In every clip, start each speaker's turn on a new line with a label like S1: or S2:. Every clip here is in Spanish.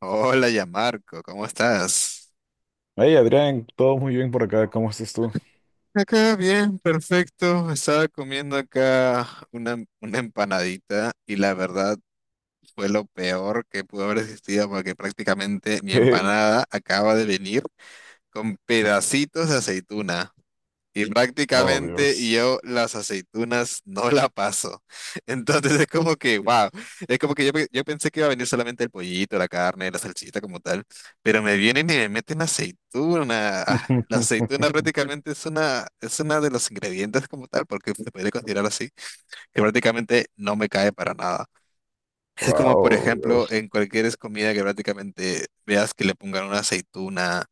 S1: Hola, ya Marco, ¿cómo estás?
S2: Hey Adrián, todo muy bien por acá, ¿cómo estás tú?
S1: Acá bien, perfecto. Estaba comiendo acá una empanadita y la verdad fue lo peor que pudo haber existido porque prácticamente mi
S2: ¿Qué?
S1: empanada acaba de venir con pedacitos de aceituna. Y
S2: Oh
S1: prácticamente
S2: Dios.
S1: yo las aceitunas no la paso. Entonces es como que, wow, es como que yo pensé que iba a venir solamente el pollito, la carne, la salsita como tal, pero me vienen y me meten aceituna. Ah, la aceituna prácticamente es una de los ingredientes como tal, porque se puede considerar así, que prácticamente no me cae para nada. Es como, por
S2: Wow,
S1: ejemplo,
S2: Dios.
S1: en cualquier comida que prácticamente veas que le pongan una aceituna,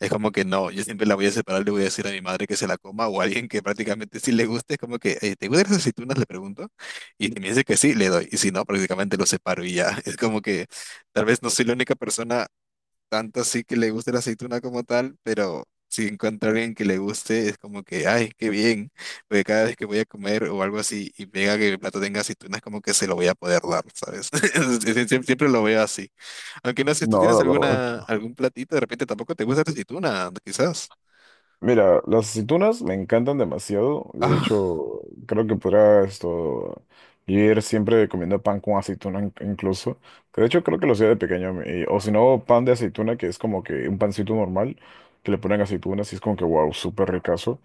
S1: es como que no, yo siempre la voy a separar, le voy a decir a mi madre que se la coma o a alguien que prácticamente sí le guste, es como que, ¿te gustan las aceitunas?" Le pregunto, y si me dice que sí, le doy, y si no, prácticamente lo separo y ya. Es como que tal vez no soy la única persona tanto así que le guste la aceituna como tal, pero si encuentro a alguien que le guste, es como que, ay, qué bien, porque cada vez que voy a comer o algo así y pega que el plato tenga aceitunas, como que se lo voy a poder dar, ¿sabes? Siempre lo veo así. Aunque no sé si tú
S2: No,
S1: tienes
S2: la verdad.
S1: alguna, algún platito, de repente tampoco te gusta la aceituna, quizás.
S2: Mira, las aceitunas me encantan demasiado. De
S1: Ah,
S2: hecho, creo que podrá esto ir siempre comiendo pan con aceituna incluso. Que de hecho creo que lo hacía de pequeño. O si no, pan de aceituna, que es como que un pancito normal, que le ponen aceitunas y es como que wow, súper ricazo.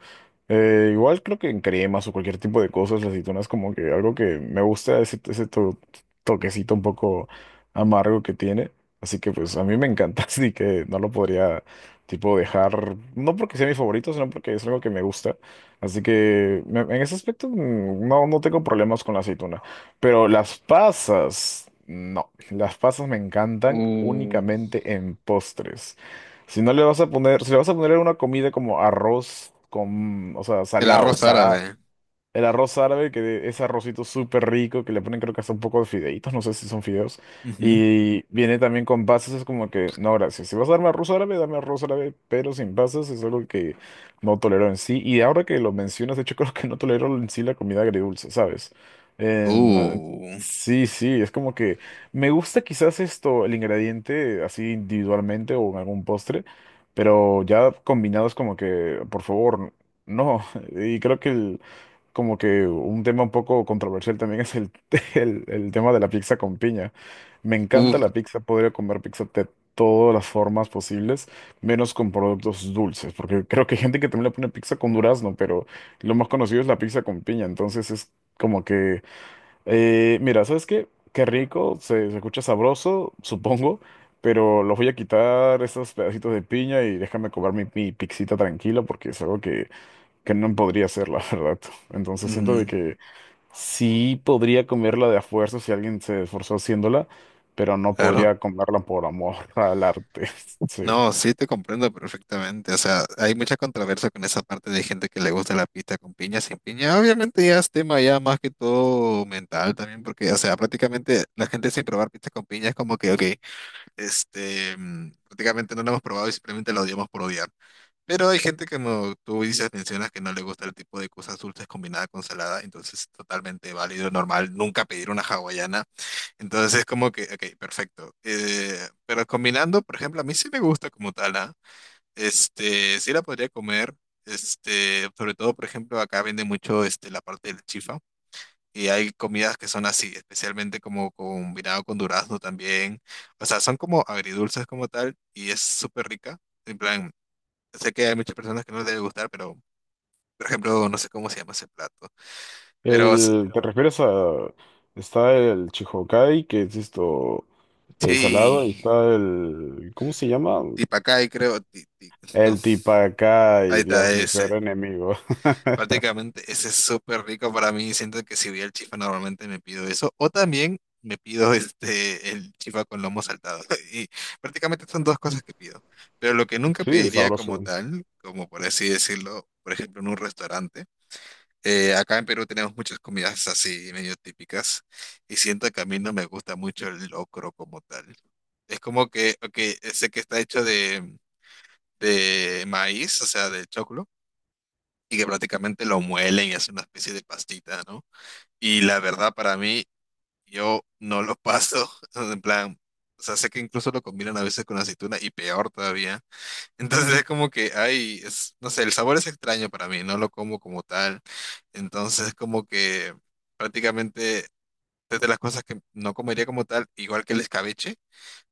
S2: Igual creo que en cremas o cualquier tipo de cosas, la aceituna es como que algo que me gusta, toquecito un poco amargo que tiene. Así que pues a mí me encanta, así que no lo podría tipo dejar, no porque sea mi favorito, sino porque es algo que me gusta. Así que en ese aspecto no, no tengo problemas con la aceituna. Pero las pasas, no, las pasas me encantan
S1: uh,
S2: únicamente en postres. Si no le vas a poner, si le vas a poner una comida como arroz con, o sea,
S1: el
S2: salado,
S1: arroz
S2: salado,
S1: árabe.
S2: el arroz árabe, que es arrocito súper rico, que le ponen creo que hasta un poco de fideitos, no sé si son fideos.
S1: Ujú.
S2: Y viene también con pasas, es como que, no, gracias. Si vas a darme arroz árabe, dame arroz árabe, pero sin pasas es algo que no tolero en sí. Y ahora que lo mencionas, de hecho creo que no tolero en sí la comida agridulce, ¿sabes? En, eh,
S1: Uh,
S2: sí, sí, es como que me gusta quizás esto, el ingrediente así individualmente o en algún postre, pero ya combinado es como que, por favor, no. Y creo que el como que un tema un poco controversial también es el tema de la pizza con piña. Me encanta
S1: uf,
S2: la pizza, podría comer pizza de todas las formas posibles, menos con productos dulces, porque creo que hay gente que también le pone pizza con durazno, pero lo más conocido es la pizza con piña, entonces es como que, mira, ¿sabes qué? Qué rico, se escucha sabroso, supongo, pero los voy a quitar esos pedacitos de piña y déjame comer mi pixita tranquila porque es algo que no podría ser, la verdad. Entonces siento de
S1: Ujú,
S2: que sí podría comerla de a fuerza si alguien se esforzó haciéndola, pero no
S1: claro.
S2: podría comerla por amor al arte. Sí.
S1: No, sí te comprendo perfectamente. O sea, hay mucha controversia con esa parte de gente que le gusta la pizza con piña, sin piña. Obviamente ya es tema ya más que todo mental también, porque, o sea, prácticamente la gente sin probar pizza con piña es como que, ok, este, prácticamente no la hemos probado y simplemente la odiamos por odiar. Pero hay gente que, como tú dices, mencionas que no le gusta el tipo de cosas dulces combinadas con salada, entonces es totalmente válido, normal, nunca pedir una hawaiana. Entonces es como que, ok, perfecto. Pero combinando, por ejemplo, a mí sí me gusta como tal, ¿ah? Este, sí la podría comer. Este, sobre todo, por ejemplo, acá vende mucho este, la parte del chifa. Y hay comidas que son así, especialmente como combinado con durazno también. O sea, son como agridulces como tal y es súper rica. En plan, sé que hay muchas personas que no les debe gustar, pero, por ejemplo, no sé cómo se llama ese plato. Pero
S2: El, ¿te refieres a... Está el Chihokai, que es esto, el salado, y
S1: sí,
S2: está el... ¿Cómo se llama?
S1: tipacay creo. No,
S2: El
S1: ahí
S2: Tipacay,
S1: está
S2: Dios, mi peor
S1: ese.
S2: enemigo.
S1: Prácticamente ese es súper rico para mí. Siento que si voy al chifa normalmente me pido eso. O también me pido este, el chifa con lomo saltado. Y prácticamente son dos cosas que pido. Pero lo que nunca
S2: Sí,
S1: pediría como
S2: sabroso.
S1: tal, como por así decirlo, por ejemplo en un restaurante. Acá en Perú tenemos muchas comidas así medio típicas. Y siento que a mí no me gusta mucho el locro como tal. Es como que, ok, sé que está hecho de maíz, o sea, de choclo y que prácticamente lo muelen y hacen una especie de pastita, ¿no? Y la verdad para mí, yo no lo paso, en plan, o sea, sé que incluso lo combinan a veces con aceituna y peor todavía. Entonces es como que, ay, es, no sé, el sabor es extraño para mí, no lo como como tal. Entonces como que prácticamente es de las cosas que no comería como tal, igual que el escabeche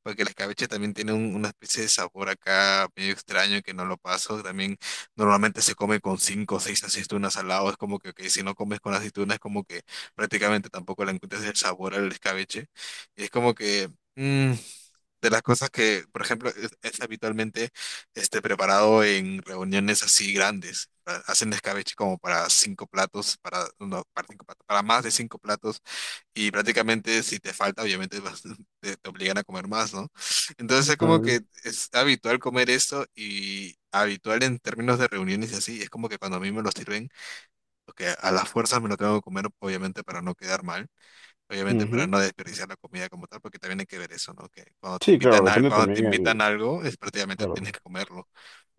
S1: porque el escabeche también tiene un- una especie de sabor acá medio extraño que no lo paso. También normalmente se come con cinco o seis aceitunas al lado. Es como que, ok, si no comes con aceitunas, es como que prácticamente tampoco le encuentras el sabor al escabeche. Y es como que mm, de las cosas que, por ejemplo, es habitualmente este, preparado en reuniones así grandes. Hacen escabeche como para cinco platos, para, no, para cinco platos, para más de cinco platos y prácticamente si te falta, obviamente vas- te obligan a comer más, ¿no? Entonces es como
S2: Mm,
S1: que es habitual comer esto y habitual en términos de reuniones y así. Es como que cuando a mí me lo sirven, porque a las fuerzas me lo tengo que comer, obviamente para no quedar mal, obviamente para
S2: ujú.
S1: no desperdiciar la comida como tal, porque también hay que ver eso, ¿no? Que cuando te
S2: Sí, claro,
S1: invitan a,
S2: depende
S1: cuando te
S2: también el...
S1: invitan algo, es prácticamente
S2: claro.
S1: tienes que comerlo.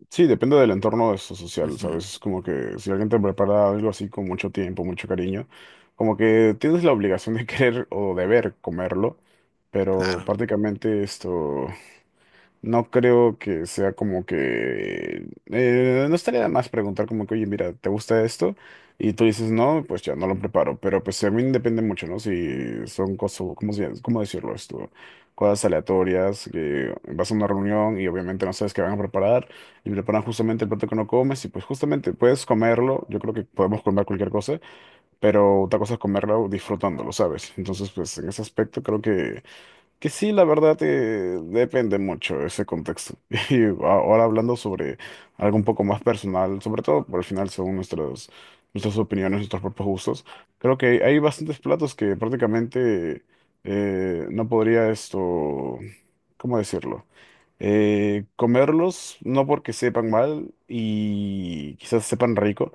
S2: Sí, depende del entorno eso social,
S1: Ujú,
S2: ¿sabes? Es como que si alguien te prepara algo así con mucho tiempo, mucho cariño, como que tienes la obligación de querer o deber comerlo, pero
S1: claro.
S2: prácticamente esto, no creo que sea como que... no estaría de más preguntar como que, oye, mira, ¿te gusta esto? Y tú dices, no, pues ya no lo preparo. Pero pues también depende mucho, ¿no? Si son cosas, ¿cómo, cómo decirlo esto? Cosas aleatorias, que vas a una reunión y obviamente no sabes qué van a preparar y preparan justamente el plato que no comes y pues justamente puedes comerlo. Yo creo que podemos comer cualquier cosa, pero otra cosa es comerlo disfrutándolo, ¿sabes? Entonces, pues en ese aspecto creo que... Que sí, la verdad, depende mucho ese contexto. Y ahora hablando sobre algo un poco más personal, sobre todo por el final, según nuestras opiniones, nuestros propios gustos, creo que hay bastantes platos que prácticamente no podría esto, ¿cómo decirlo? Comerlos, no porque sepan mal y quizás sepan rico,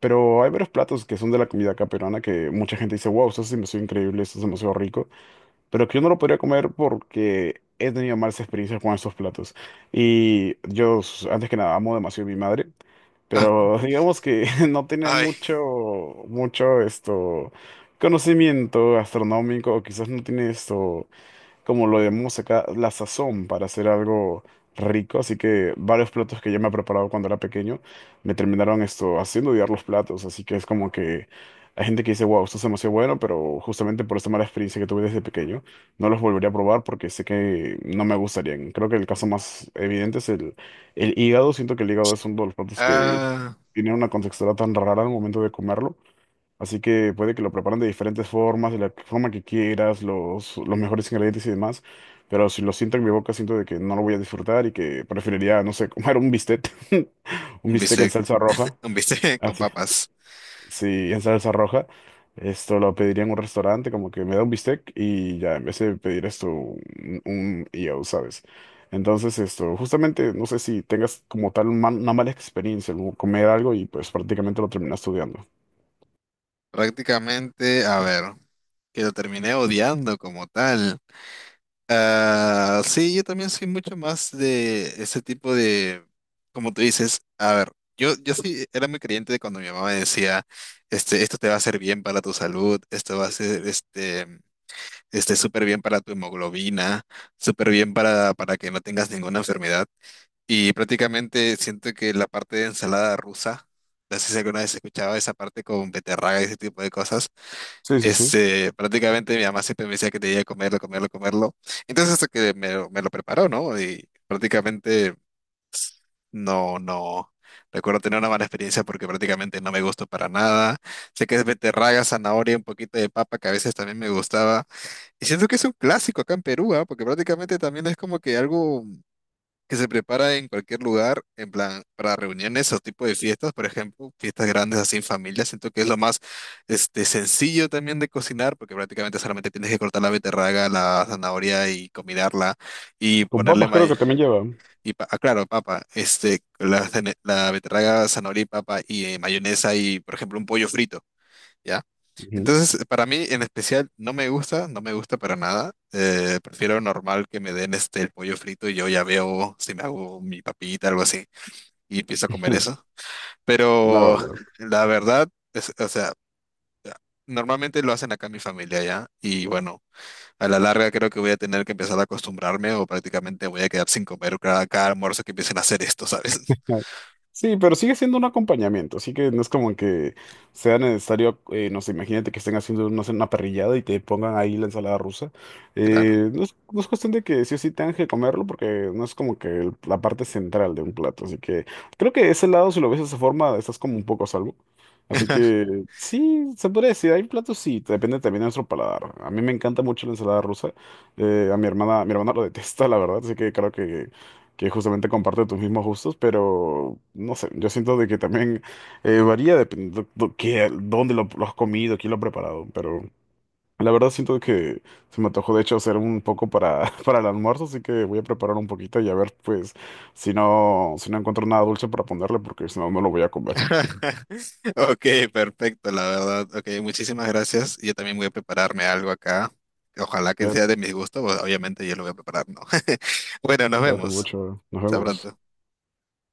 S2: pero hay varios platos que son de la comida acá peruana que mucha gente dice, wow, esto es demasiado increíble, esto es demasiado rico pero que yo no lo podría comer porque he tenido malas experiencias con esos platos. Y yo, antes que nada, amo demasiado a mi madre,
S1: Ah,
S2: pero digamos que no tiene
S1: ay,
S2: mucho esto, conocimiento gastronómico, o quizás no tiene esto como lo llamamos acá, la sazón para hacer algo rico. Así que varios platos que yo me he preparado cuando era pequeño me terminaron esto haciendo odiar los platos. Así que es como que hay gente que dice, wow, esto es demasiado bueno, pero justamente por esta mala experiencia que tuve desde pequeño, no los volvería a probar porque sé que no me gustarían. Creo que el caso más evidente es el hígado. Siento que el hígado es uno de los platos que
S1: ah,
S2: tiene una contextura tan rara al momento de comerlo. Así que puede que lo preparan de diferentes formas, de la forma que quieras, los mejores ingredientes y demás. Pero si lo siento en mi boca, siento de que no lo voy a disfrutar y que preferiría, no sé, comer un bistec. Un
S1: un
S2: bistec en
S1: bistec,
S2: salsa roja.
S1: un bistec con
S2: Así, sí,
S1: papas.
S2: sí, en salsa roja. Esto lo pediría en un restaurante, como que me da un bistec y ya, en vez de pedir esto, un yo, ¿sabes? Entonces, esto, justamente, no sé si tengas como tal un una mala experiencia, como comer algo y pues prácticamente lo terminas estudiando.
S1: Prácticamente, a ver. Que lo terminé odiando como tal. Ah, sí, yo también soy mucho más de ese tipo de, como tú dices, a ver, yo sí era muy creyente de cuando mi mamá me decía, este, esto te va a hacer bien para tu salud, esto va a ser, este, súper bien para tu hemoglobina, súper bien para que no tengas ninguna enfermedad. Y prácticamente siento que la parte de ensalada rusa, no sé si alguna vez escuchaba esa parte con beterraga y ese tipo de cosas.
S2: Sí, sí, sí.
S1: Este, prácticamente mi mamá siempre me decía que tenía que comerlo, comerlo, comerlo. Entonces hasta que me lo preparó, ¿no? Y prácticamente no, no. Recuerdo tener una mala experiencia porque prácticamente no me gustó para nada. Sé que es beterraga, zanahoria, un poquito de papa que a veces también me gustaba. Y siento que es un clásico acá en Perú, ¿ah? Porque prácticamente también es como que algo que se prepara en cualquier lugar, en plan, para reuniones o tipo de fiestas, por ejemplo, fiestas grandes así en familia. Siento que es lo más este, sencillo también de cocinar, porque prácticamente solamente tienes que cortar la beterraga, la zanahoria y combinarla y
S2: Con
S1: ponerle,
S2: papas creo que también lleva.
S1: ah, claro, papa, este, la beterraga, zanahoria y papa y mayonesa y, por ejemplo, un pollo frito. ¿Ya?
S2: Ujú.
S1: Entonces, para mí en especial no me gusta, no me gusta para nada. Prefiero normal que me den este el pollo frito y yo ya veo si me hago mi papita, algo así, y empiezo a comer eso.
S2: La
S1: Pero
S2: verdad.
S1: la verdad, o sea, normalmente lo hacen acá en mi familia ya, y bueno, a la larga creo que voy a tener que empezar a acostumbrarme o prácticamente voy a quedar sin comer cada almuerzo que empiecen a hacer esto, ¿sabes?
S2: Sí, pero sigue siendo un acompañamiento, así que no es como que sea necesario, no sé, imagínate que estén haciendo no sé, una parrillada y te pongan ahí la ensalada rusa.
S1: Claro.
S2: No es, no es cuestión de que sí o sí tengan que comerlo, porque no es como que la parte central de un plato, así que creo que ese lado, si lo ves de esa forma, estás como un poco a salvo. Así que sí, se podría decir, hay platos, sí, depende también de nuestro paladar. A mí me encanta mucho la ensalada rusa, a mi hermana lo detesta, la verdad, así que creo que justamente comparte tus mismos gustos, pero no sé, yo siento de que también varía dependiendo dónde lo has comido, quién lo ha preparado, pero la verdad siento que se me antojó de hecho hacer un poco para, para el almuerzo, así que voy a preparar un poquito y a ver pues si no, si no encuentro nada dulce para ponerle, porque si no, no lo voy a comer.
S1: Ok, perfecto, la verdad. Ok, muchísimas gracias. Yo también voy a prepararme algo acá. Ojalá que sea
S2: Cuídate,
S1: de mi gusto, pues, obviamente yo lo voy a preparar, ¿no? Bueno, nos
S2: cuídate
S1: vemos.
S2: mucho, nos
S1: Hasta
S2: vemos.
S1: pronto.